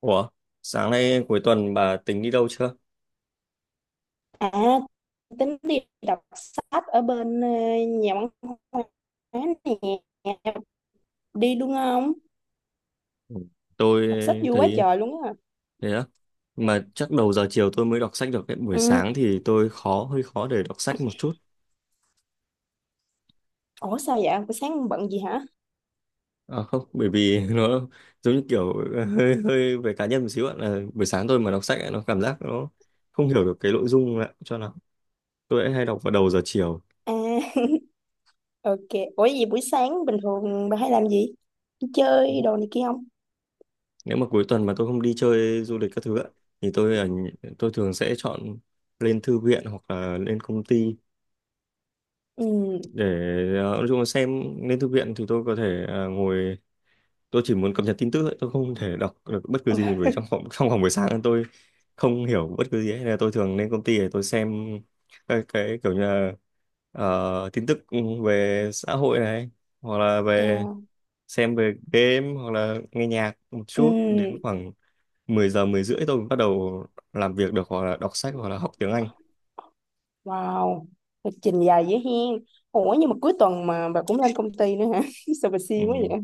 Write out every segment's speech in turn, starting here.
Ủa, sáng nay cuối tuần bà tính đi đâu chưa? À, tính đi đọc sách ở bên nhà văn hóa nè, đi luôn không? Ừ. Tôi Đọc sách vui quá thấy trời luôn á. thế á. Mà chắc đầu giờ chiều tôi mới đọc sách được đấy. Buổi Ừ. sáng thì tôi hơi khó để đọc sách một chút. Ủa sao vậy? Buổi sáng bận gì hả? À không, bởi vì nó giống như kiểu hơi hơi về cá nhân một xíu ạ. Là buổi sáng tôi mà đọc sách ấy, nó cảm giác nó không hiểu được cái nội dung ạ. Cho lắm. Tôi lại hay đọc vào đầu giờ chiều. À, ok. Ủa gì buổi sáng bình thường bà hay làm gì? Đi Ừ. chơi đồ này kia không? Nếu mà cuối tuần mà tôi không đi chơi du lịch các thứ ạ, thì tôi tôi thường sẽ chọn lên thư viện hoặc là lên công ty Ừ. để nói chung là xem, lên thư viện thì tôi có thể ngồi, tôi chỉ muốn cập nhật tin tức thôi, tôi không thể đọc được bất cứ Ôi, gì, bởi trong vòng buổi sáng tôi không hiểu bất cứ gì ấy. Nên là tôi thường lên công ty để tôi xem cái kiểu như là tin tức về xã hội này, hoặc là về chao. xem về game, hoặc là nghe nhạc một Ừ. chút đến khoảng 10 giờ, 10 rưỡi tôi mới bắt đầu làm việc được, hoặc là đọc sách hoặc là học tiếng Anh. Wow. Lịch trình dài dữ hen. Ủa nhưng mà cuối tuần mà bà cũng lên công ty nữa hả? Sao bà Ừ. siêng quá vậy?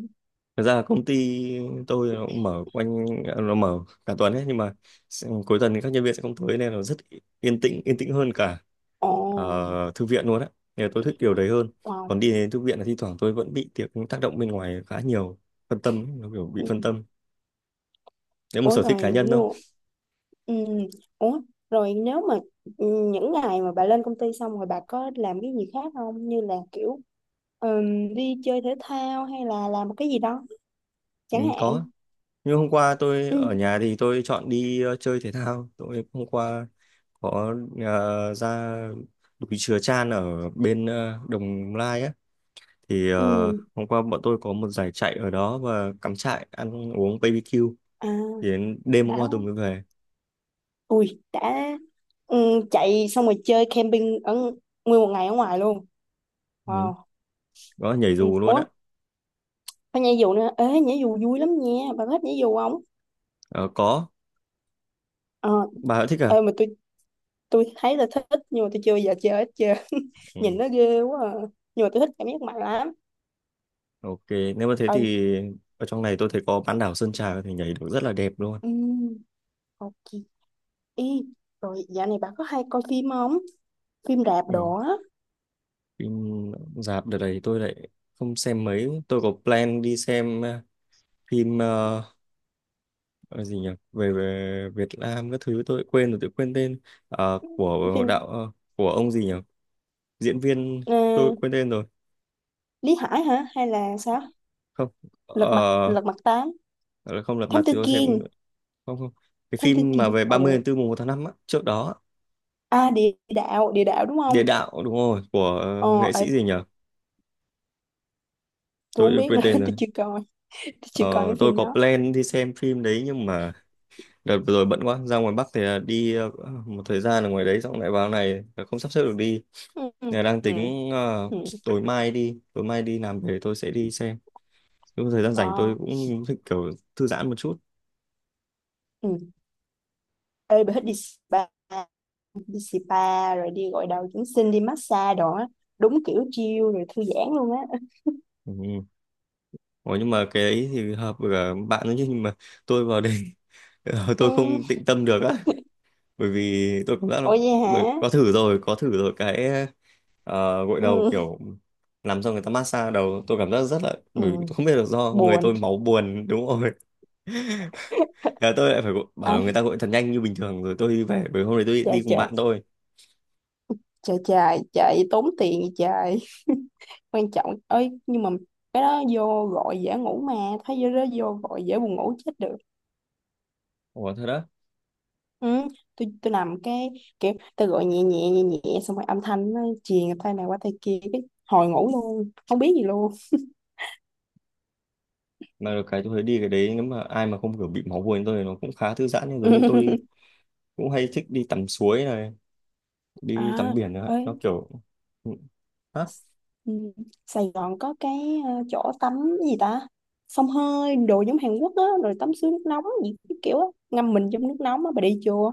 Thật ra là công ty tôi nó cũng mở quanh, nó mở cả tuần ấy, nhưng mà cuối tuần thì các nhân viên sẽ không tới nên là rất yên tĩnh, yên tĩnh hơn cả Ồ. Thư viện luôn á, nên là tôi thích điều đấy hơn. Wow. Còn đi đến thư viện là thi thoảng tôi vẫn bị tiệc tác động bên ngoài khá nhiều, phân tâm ấy, nó kiểu bị Ừ. phân tâm đấy, một Ủa sở thích rồi. cá nhân thôi. Ừ. Ủa, rồi nếu mà ừ, những ngày mà bà lên công ty xong rồi bà có làm cái gì khác không? Như là kiểu đi chơi thể thao hay là làm một cái gì đó Ừ, chẳng hạn. có, nhưng hôm qua tôi Ừ. ở nhà thì tôi chọn đi chơi thể thao, tôi hôm qua có ra đùi chừa chan ở bên Đồng Lai á, thì Ừ. hôm qua bọn tôi có một giải chạy ở đó và cắm trại ăn uống BBQ, À, thì đến đêm hôm đã, qua tôi mới về. ui, đã, ừ, chạy xong rồi chơi camping ở nguyên một ngày ở ngoài luôn. Ừ, Wow. đó nhảy Ừ. dù luôn á. Ủa, phải nhảy dù nữa. Ê, nhảy dù vui lắm nha. Bà có thích nhảy dù không? Ờ, có. Ờ, Bà đã thích à? ê, mà tôi thấy là thích nhưng mà tôi chưa bao giờ chơi hết trơn. Nhìn Ừ. nó ghê quá à. Nhưng mà tôi thích cảm giác mạnh lắm. Ok, nếu mà thế Ê, thì ở trong này tôi thấy có bán đảo Sơn Trà có thể nhảy được rất là đẹp luôn. ừm, ok. Ê, rồi dạo này bà có hay coi phim không? Phim rạp Ừ, đồ á, phim rạp đợt này tôi lại không xem mấy, tôi có plan đi xem phim ờ, gì nhỉ, về Việt Nam các thứ, tôi quên rồi, tôi quên tên. Ờ, của phim đạo của ông gì nhỉ, diễn viên, ờ, tôi quên tên rồi. Lý Hải hả? Hay là sao? Không, Lật mặt ờ, Lật mặt tám, không, lật Thám mặt Tử thì tôi xem. Kiên, Không, không, cái Thám Tử phim mà Kiên. về 30 Ồ, tháng 4 mùng 1 tháng 5 á, trước đó á. à, địa đạo đúng Địa không? đạo đúng rồi, của Ờ, nghệ ê, sĩ gì nhở, tôi không tôi biết quên nữa, tên rồi. tôi chưa coi, tôi chưa Ờ, coi cái tôi phim có đó. plan đi xem phim đấy nhưng mà đợt vừa rồi bận quá, ra ngoài Bắc thì là đi một thời gian ở ngoài đấy, xong lại vào này là không sắp xếp được đi. Ừ, ừ, Nên đang ừ, tính ừ. Tối mai đi làm về tôi sẽ đi xem, lúc thời gian rảnh tôi Wow. cũng thích kiểu thư giãn một chút. Ừ. Ê, bà thích đi spa rồi đi gội đầu dưỡng sinh, đi massage đồ á. Đúng kiểu chill rồi thư giãn luôn á. Ừ. Ủa, nhưng mà cái ấy thì hợp với cả bạn nữa chứ, nhưng mà tôi vào đây, ờ, tôi Ừ. không tịnh tâm được á, bởi vì tôi cũng đã, Ủa vậy hả? có thử rồi, có thử rồi, cái gội đầu Ừ. kiểu làm xong người ta massage đầu, tôi cảm giác rất là, bởi vì Ừ, tôi không biết là do người buồn. tôi máu buồn đúng rồi. Thế là tôi lại phải gọi- À, bảo người ta gội thật nhanh như bình thường rồi tôi đi về, bởi hôm nay tôi trời, đi cùng trời, bạn tôi. trời, trời, trời tốn tiền vậy trời. Quan trọng ơi, nhưng mà cái đó vô gọi dễ ngủ mà, thấy vô đó vô gọi dễ buồn ngủ chết được. Ủa thật đó. Ừ, tôi nằm cái kiểu tôi gọi nhẹ nhẹ nhẹ nhẹ xong rồi âm thanh nó truyền tay này qua tay kia cái hồi ngủ luôn không biết gì luôn. Mà được cái tôi thấy đi cái đấy nếu mà ai mà không kiểu bị máu buồn như tôi thì nó cũng khá thư giãn, nhưng giống như tôi cũng hay thích đi tắm suối này, À, đi tắm biển nữa, ơi. nó kiểu. Ừ. Ừ. Sài Gòn có cái chỗ tắm gì ta, xông hơi đồ giống Hàn Quốc á rồi tắm suối nước nóng gì cái kiểu á, ngâm mình trong nước nóng á, bà đi chưa?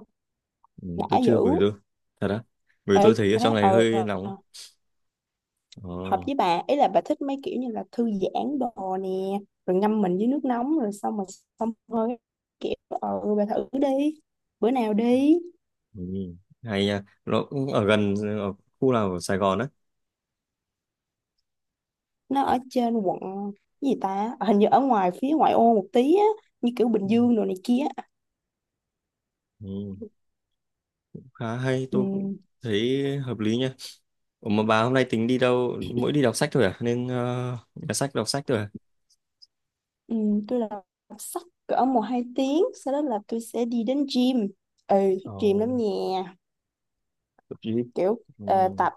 Ừ, Đã tôi dữ. chưa, về tôi thật á, vì Ê, tôi thấy ở thế, trong này hơi nóng. Ờ, hợp với bà ấy là bà thích mấy kiểu như là thư giãn đồ nè, rồi ngâm mình dưới nước nóng rồi xong rồi xông hơi cái kiểu bà thử đi, bữa nào đi. ừ, hay nha, nó cũng ở gần, ở khu nào ở Sài Gòn á. Nó ở trên quận cái gì ta. Ờ, hình như ở ngoài phía ngoại ô một tí á, như kiểu Bình Ừ, Dương đồ này kia. ừ, khá hay, Ừ. tôi cũng thấy hợp lý nha. Ủa mà bà hôm nay tính đi đâu, mỗi đi đọc sách thôi à, nên nhà sách đọc sách thôi à? Ừ, tôi là đọc sách cỡ một hai tiếng sau đó là tôi sẽ đi đến gym. Ừ, Ờ, thích gym lắm nha, tập gym kiểu ừ,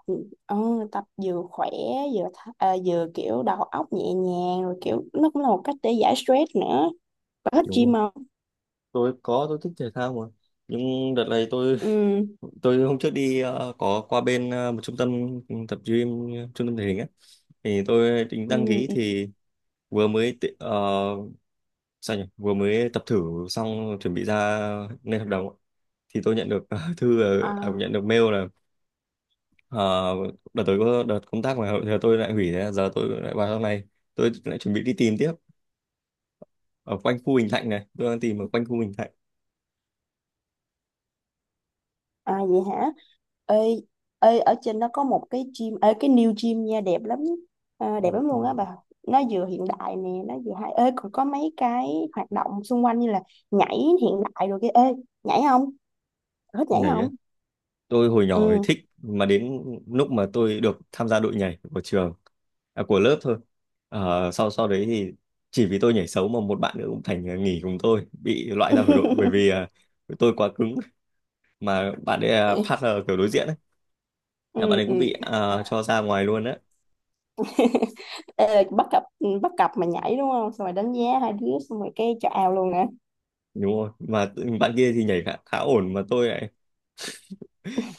ờ, tập vừa khỏe, vừa vừa kiểu đầu óc nhẹ nhàng rồi kiểu nó cũng là một cách để giải stress nữa. Bà thích đúng gym rồi, không? tôi có, tôi thích thể thao mà, nhưng đợt này tôi Ừ, tôi hôm trước đi có qua bên một trung tâm tập gym, trung tâm thể hình á, thì tôi tính ừ, đăng ký ừ. thì vừa mới sao nhỉ, vừa mới tập thử xong chuẩn bị ra lên hợp đồng ạ, thì tôi nhận được À. nhận được mail là ờ, đợt tới có đợt công tác mà giờ tôi lại hủy, thế giờ tôi lại vào trong này, tôi lại chuẩn bị đi tìm tiếp ở quanh khu Bình Thạnh, này tôi đang tìm ở quanh khu Bình Thạnh. À vậy hả? Ê, ở trên nó có một cái gym, ê, cái new gym nha, đẹp lắm, à, đẹp Ừ, lắm ừ. luôn á bà. Nó vừa hiện đại nè, nó vừa hay. Ê, còn có mấy cái hoạt động xung quanh như là nhảy hiện đại rồi kia. Ê, nhảy không? Thích nhảy Nhảy, không? tôi hồi nhỏ thì Ừ. thích, mà đến lúc mà tôi được tham gia đội nhảy của trường, à, của lớp thôi, ờ, sau sau đấy thì chỉ vì tôi nhảy xấu mà một bạn nữa cũng thành, à, nghỉ cùng tôi, bị loại ra khỏi đội, bởi vì à, tôi quá cứng, mà bạn ấy là partner kiểu đối diện ấy, là bạn Ừ, ấy ừ. cũng bị, à, cho ra ngoài luôn á. Ê, là bắt cặp mà nhảy đúng không? Xong rồi đánh giá hai đứa xong rồi cái chào luôn nè. Đúng rồi, mà bạn kia thì nhảy khá ổn mà tôi lại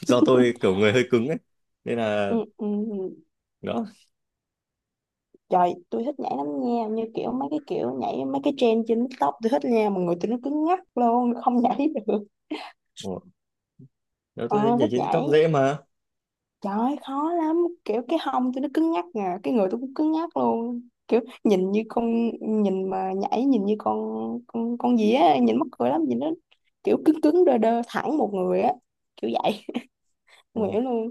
do tôi kiểu người hơi cứng ấy, nên là Ừ, ừ. đó. Trời, tôi thích nhảy lắm nha, như kiểu mấy cái kiểu nhảy mấy cái trend trên TikTok tôi thích nha, mà người tôi nó cứng ngắc luôn, không nhảy được. Ủa, đó Ờ, tôi nhảy thích trên nhảy. TikTok dễ mà. Trời, khó lắm, kiểu cái hông tôi nó cứng ngắc nè, cái người tôi cũng cứng ngắc luôn. Kiểu nhìn như con, nhìn mà nhảy nhìn như con gì á, nhìn mắc cười lắm, nhìn nó kiểu cứng cứng đơ đơ thẳng một người á, kiểu vậy. Không hiểu luôn.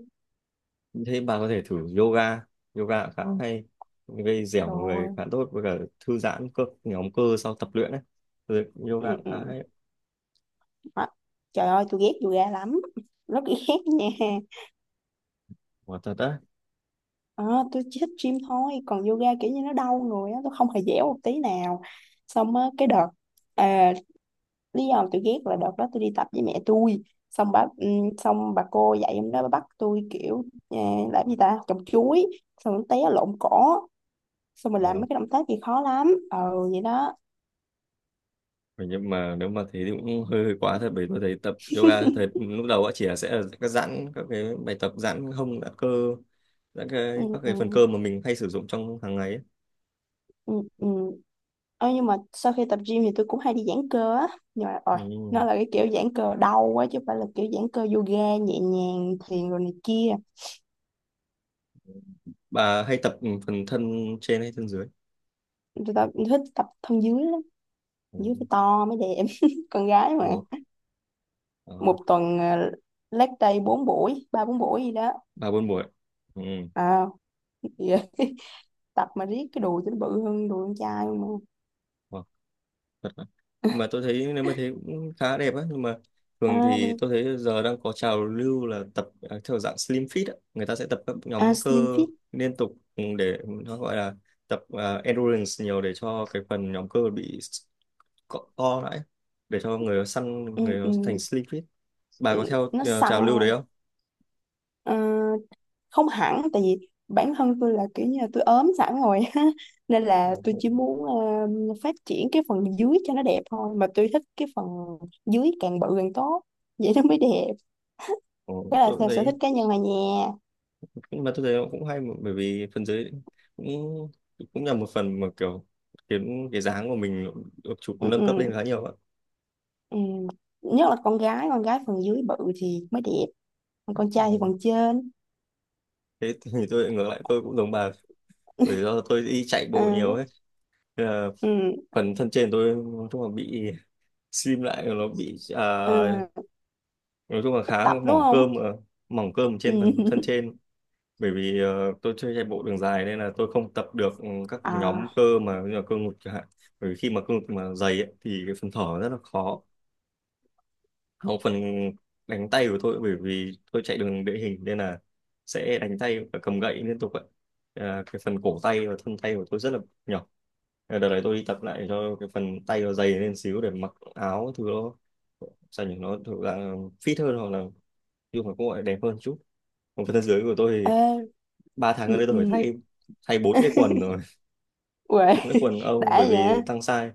Thế bà có thể thử yoga, yoga khá hay, gây dẻo người Rồi. khá tốt, với cả thư giãn cơ, nhóm cơ sau tập luyện đấy. Ừ, Ừ, yoga cũng ừ. khá hay, Hả? Trời ơi, tôi ghét yoga lắm. Rất ghét nha. quả thật đấy. À, tôi chỉ thích gym thôi, còn yoga kiểu như nó đau người á, tôi không hề dẻo một tí nào. Xong á, cái đợt, à, lý do mà tôi ghét là đợt đó tôi đi tập với mẹ tôi, xong bà cô dạy em đó bà bắt tôi kiểu làm gì ta, trồng chuối xong nó té lộn cỏ, xong mình làm Ờ. mấy cái động tác gì khó lắm vậy đó. Vậy nhưng mà nếu mà thế thì cũng hơi quá thật, bởi tôi thấy tập yoga thời lúc đầu á, chỉ là sẽ là các giãn, các cái bài tập giãn hông, giãn cơ, giãn Ừ, cái các cái phần ừ, cơ mà mình hay sử dụng trong hàng ngày ấy. ừ, ừ. Ờ, nhưng mà sau khi tập gym thì tôi cũng hay đi giãn cơ á, nhưng mà rồi nó Ừ. là cái kiểu giãn cơ đau quá chứ không phải là kiểu giãn cơ yoga nhẹ nhàng thiền rồi này kia. Bà hay tập phần thân trên hay thân dưới? Tôi tập, thích tập thân dưới lắm, dưới Ừ. phải to mới đẹp, con gái mà. Ồ, ờ, Một tuần leg day 4 buổi, 3-4 buổi gì đó. bà buôn buổi. Ừ. À, tập mà riết cái đùi cho nó bự hơn đùi con trai mà. Wow, thật đấy. Nhưng mà tôi thấy nếu mà thế cũng khá đẹp á, nhưng mà À thường đi, thì tôi thấy giờ đang có trào lưu là tập, à, theo dạng slim fit á. Người ta sẽ tập các à nhóm slim cơ fit. liên tục để nó gọi là tập, à, endurance nhiều để cho cái phần nhóm cơ bị co co lại, để cho người nó săn, Ừ, người nó thành ừ, slim fit. Bà ừ, có theo, nó à, săn. trào lưu đấy không? Ờ, không hẳn, tại vì bản thân tôi là kiểu như là tôi ốm sẵn rồi á. Nên là Ồ, tôi ồ, chỉ muốn phát triển cái phần dưới cho nó đẹp thôi, mà tôi thích cái phần dưới càng bự càng tốt, vậy nó mới đẹp. tôi Đó là cũng theo sở thấy, thích cá nhân là nha. nhưng mà tôi thấy nó cũng hay mà, bởi vì phần dưới cũng, cũng là một phần mà kiểu khiến cái dáng của mình được chụp Ừ, nâng cấp lên ừ, khá nhiều ạ. ừ. Nhất là con gái phần dưới bự thì mới đẹp, còn con trai thì Ừ. phần trên. Thế thì tôi lại ngược lại, tôi cũng giống bà, bởi do tôi đi chạy bộ Ừ, nhiều ấy. Thế là ừ, phần thân trên tôi nói chung là bị slim lại, nó bị, à, ừ. nói chung là Thích khá tập đúng mỏng không? cơm mà. Mỏng cơm Ừ. trên phần thân trên, bởi vì tôi chơi chạy bộ đường dài nên là tôi không tập được các À, nhóm cơ mà như là cơ ngực chẳng hạn, bởi vì khi mà cơ ngực mà dày ấy, thì cái phần thở rất là khó. Không, phần đánh tay của tôi, bởi vì tôi chạy đường địa hình nên là sẽ đánh tay và cầm gậy liên tục ạ, à, cái phần cổ tay và thân tay của tôi rất là nhỏ. À, đợt này tôi đi tập lại cho cái phần tay nó dày lên xíu để mặc áo thứ nó, sao nhỉ, nó thực ra fit hơn hoặc là dùng mà cũng gọi là đẹp hơn chút. Còn phần thân dưới của tôi thì ê, ba tháng ừ, gần đây tôi ừ. phải thay thay 4 cái quần rồi, Uầy, 4 cái quần Âu đã bởi vậy, vì tăng size,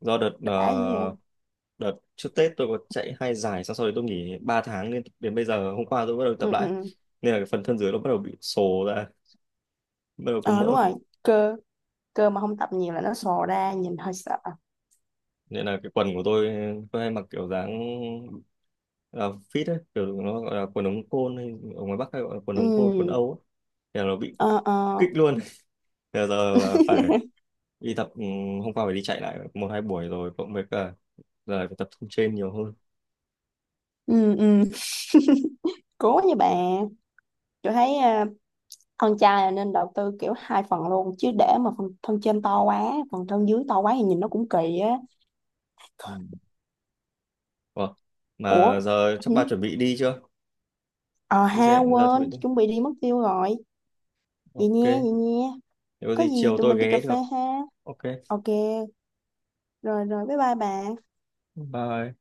do đợt đã vậy. Hả? đợt trước Tết tôi có chạy 2 giải, xong sau đấy tôi nghỉ 3 tháng, nên đến bây giờ hôm qua tôi bắt đầu tập Ừ, ừ, lại, ừ. nên là cái phần thân dưới nó bắt đầu bị sồ ra, bắt đầu có Ờ đúng mỡ. rồi, cơ cơ mà không tập nhiều là nó sò ra, nhìn hơi sợ. Nên là cái quần của tôi hay mặc kiểu dáng là fit ấy, kiểu nó gọi là quần ống côn hay ở ngoài Bắc hay gọi là quần Ừ, ống côn, quần Âu ấy. Thế là nó bị ờ, kích ờ. luôn. Thế giờ là phải đi tập, hôm qua phải đi chạy lại một hai buổi rồi, cộng với cả giờ phải tập trung trên nhiều hơn. Ừ, ừ. Cố nha bạn. Tôi thấy thân chai là nên đầu tư kiểu hai phần luôn, chứ để mà phần thân trên to quá phần thân dưới to quá thì nhìn nó cũng kỳ á. Ừ. Ủa, Ủa, mà giờ chắc hử? bà chuẩn bị đi chưa, Ờ đi ha, xe ra chuẩn quên, bị tôi đi. chuẩn bị đi mất tiêu rồi. Vậy Ok, nha, vậy nha. nếu có Có gì gì chiều tụi tôi mình đi cà ghé phê được. ha. Ok, Ok. Rồi rồi, bye bye bà. bye.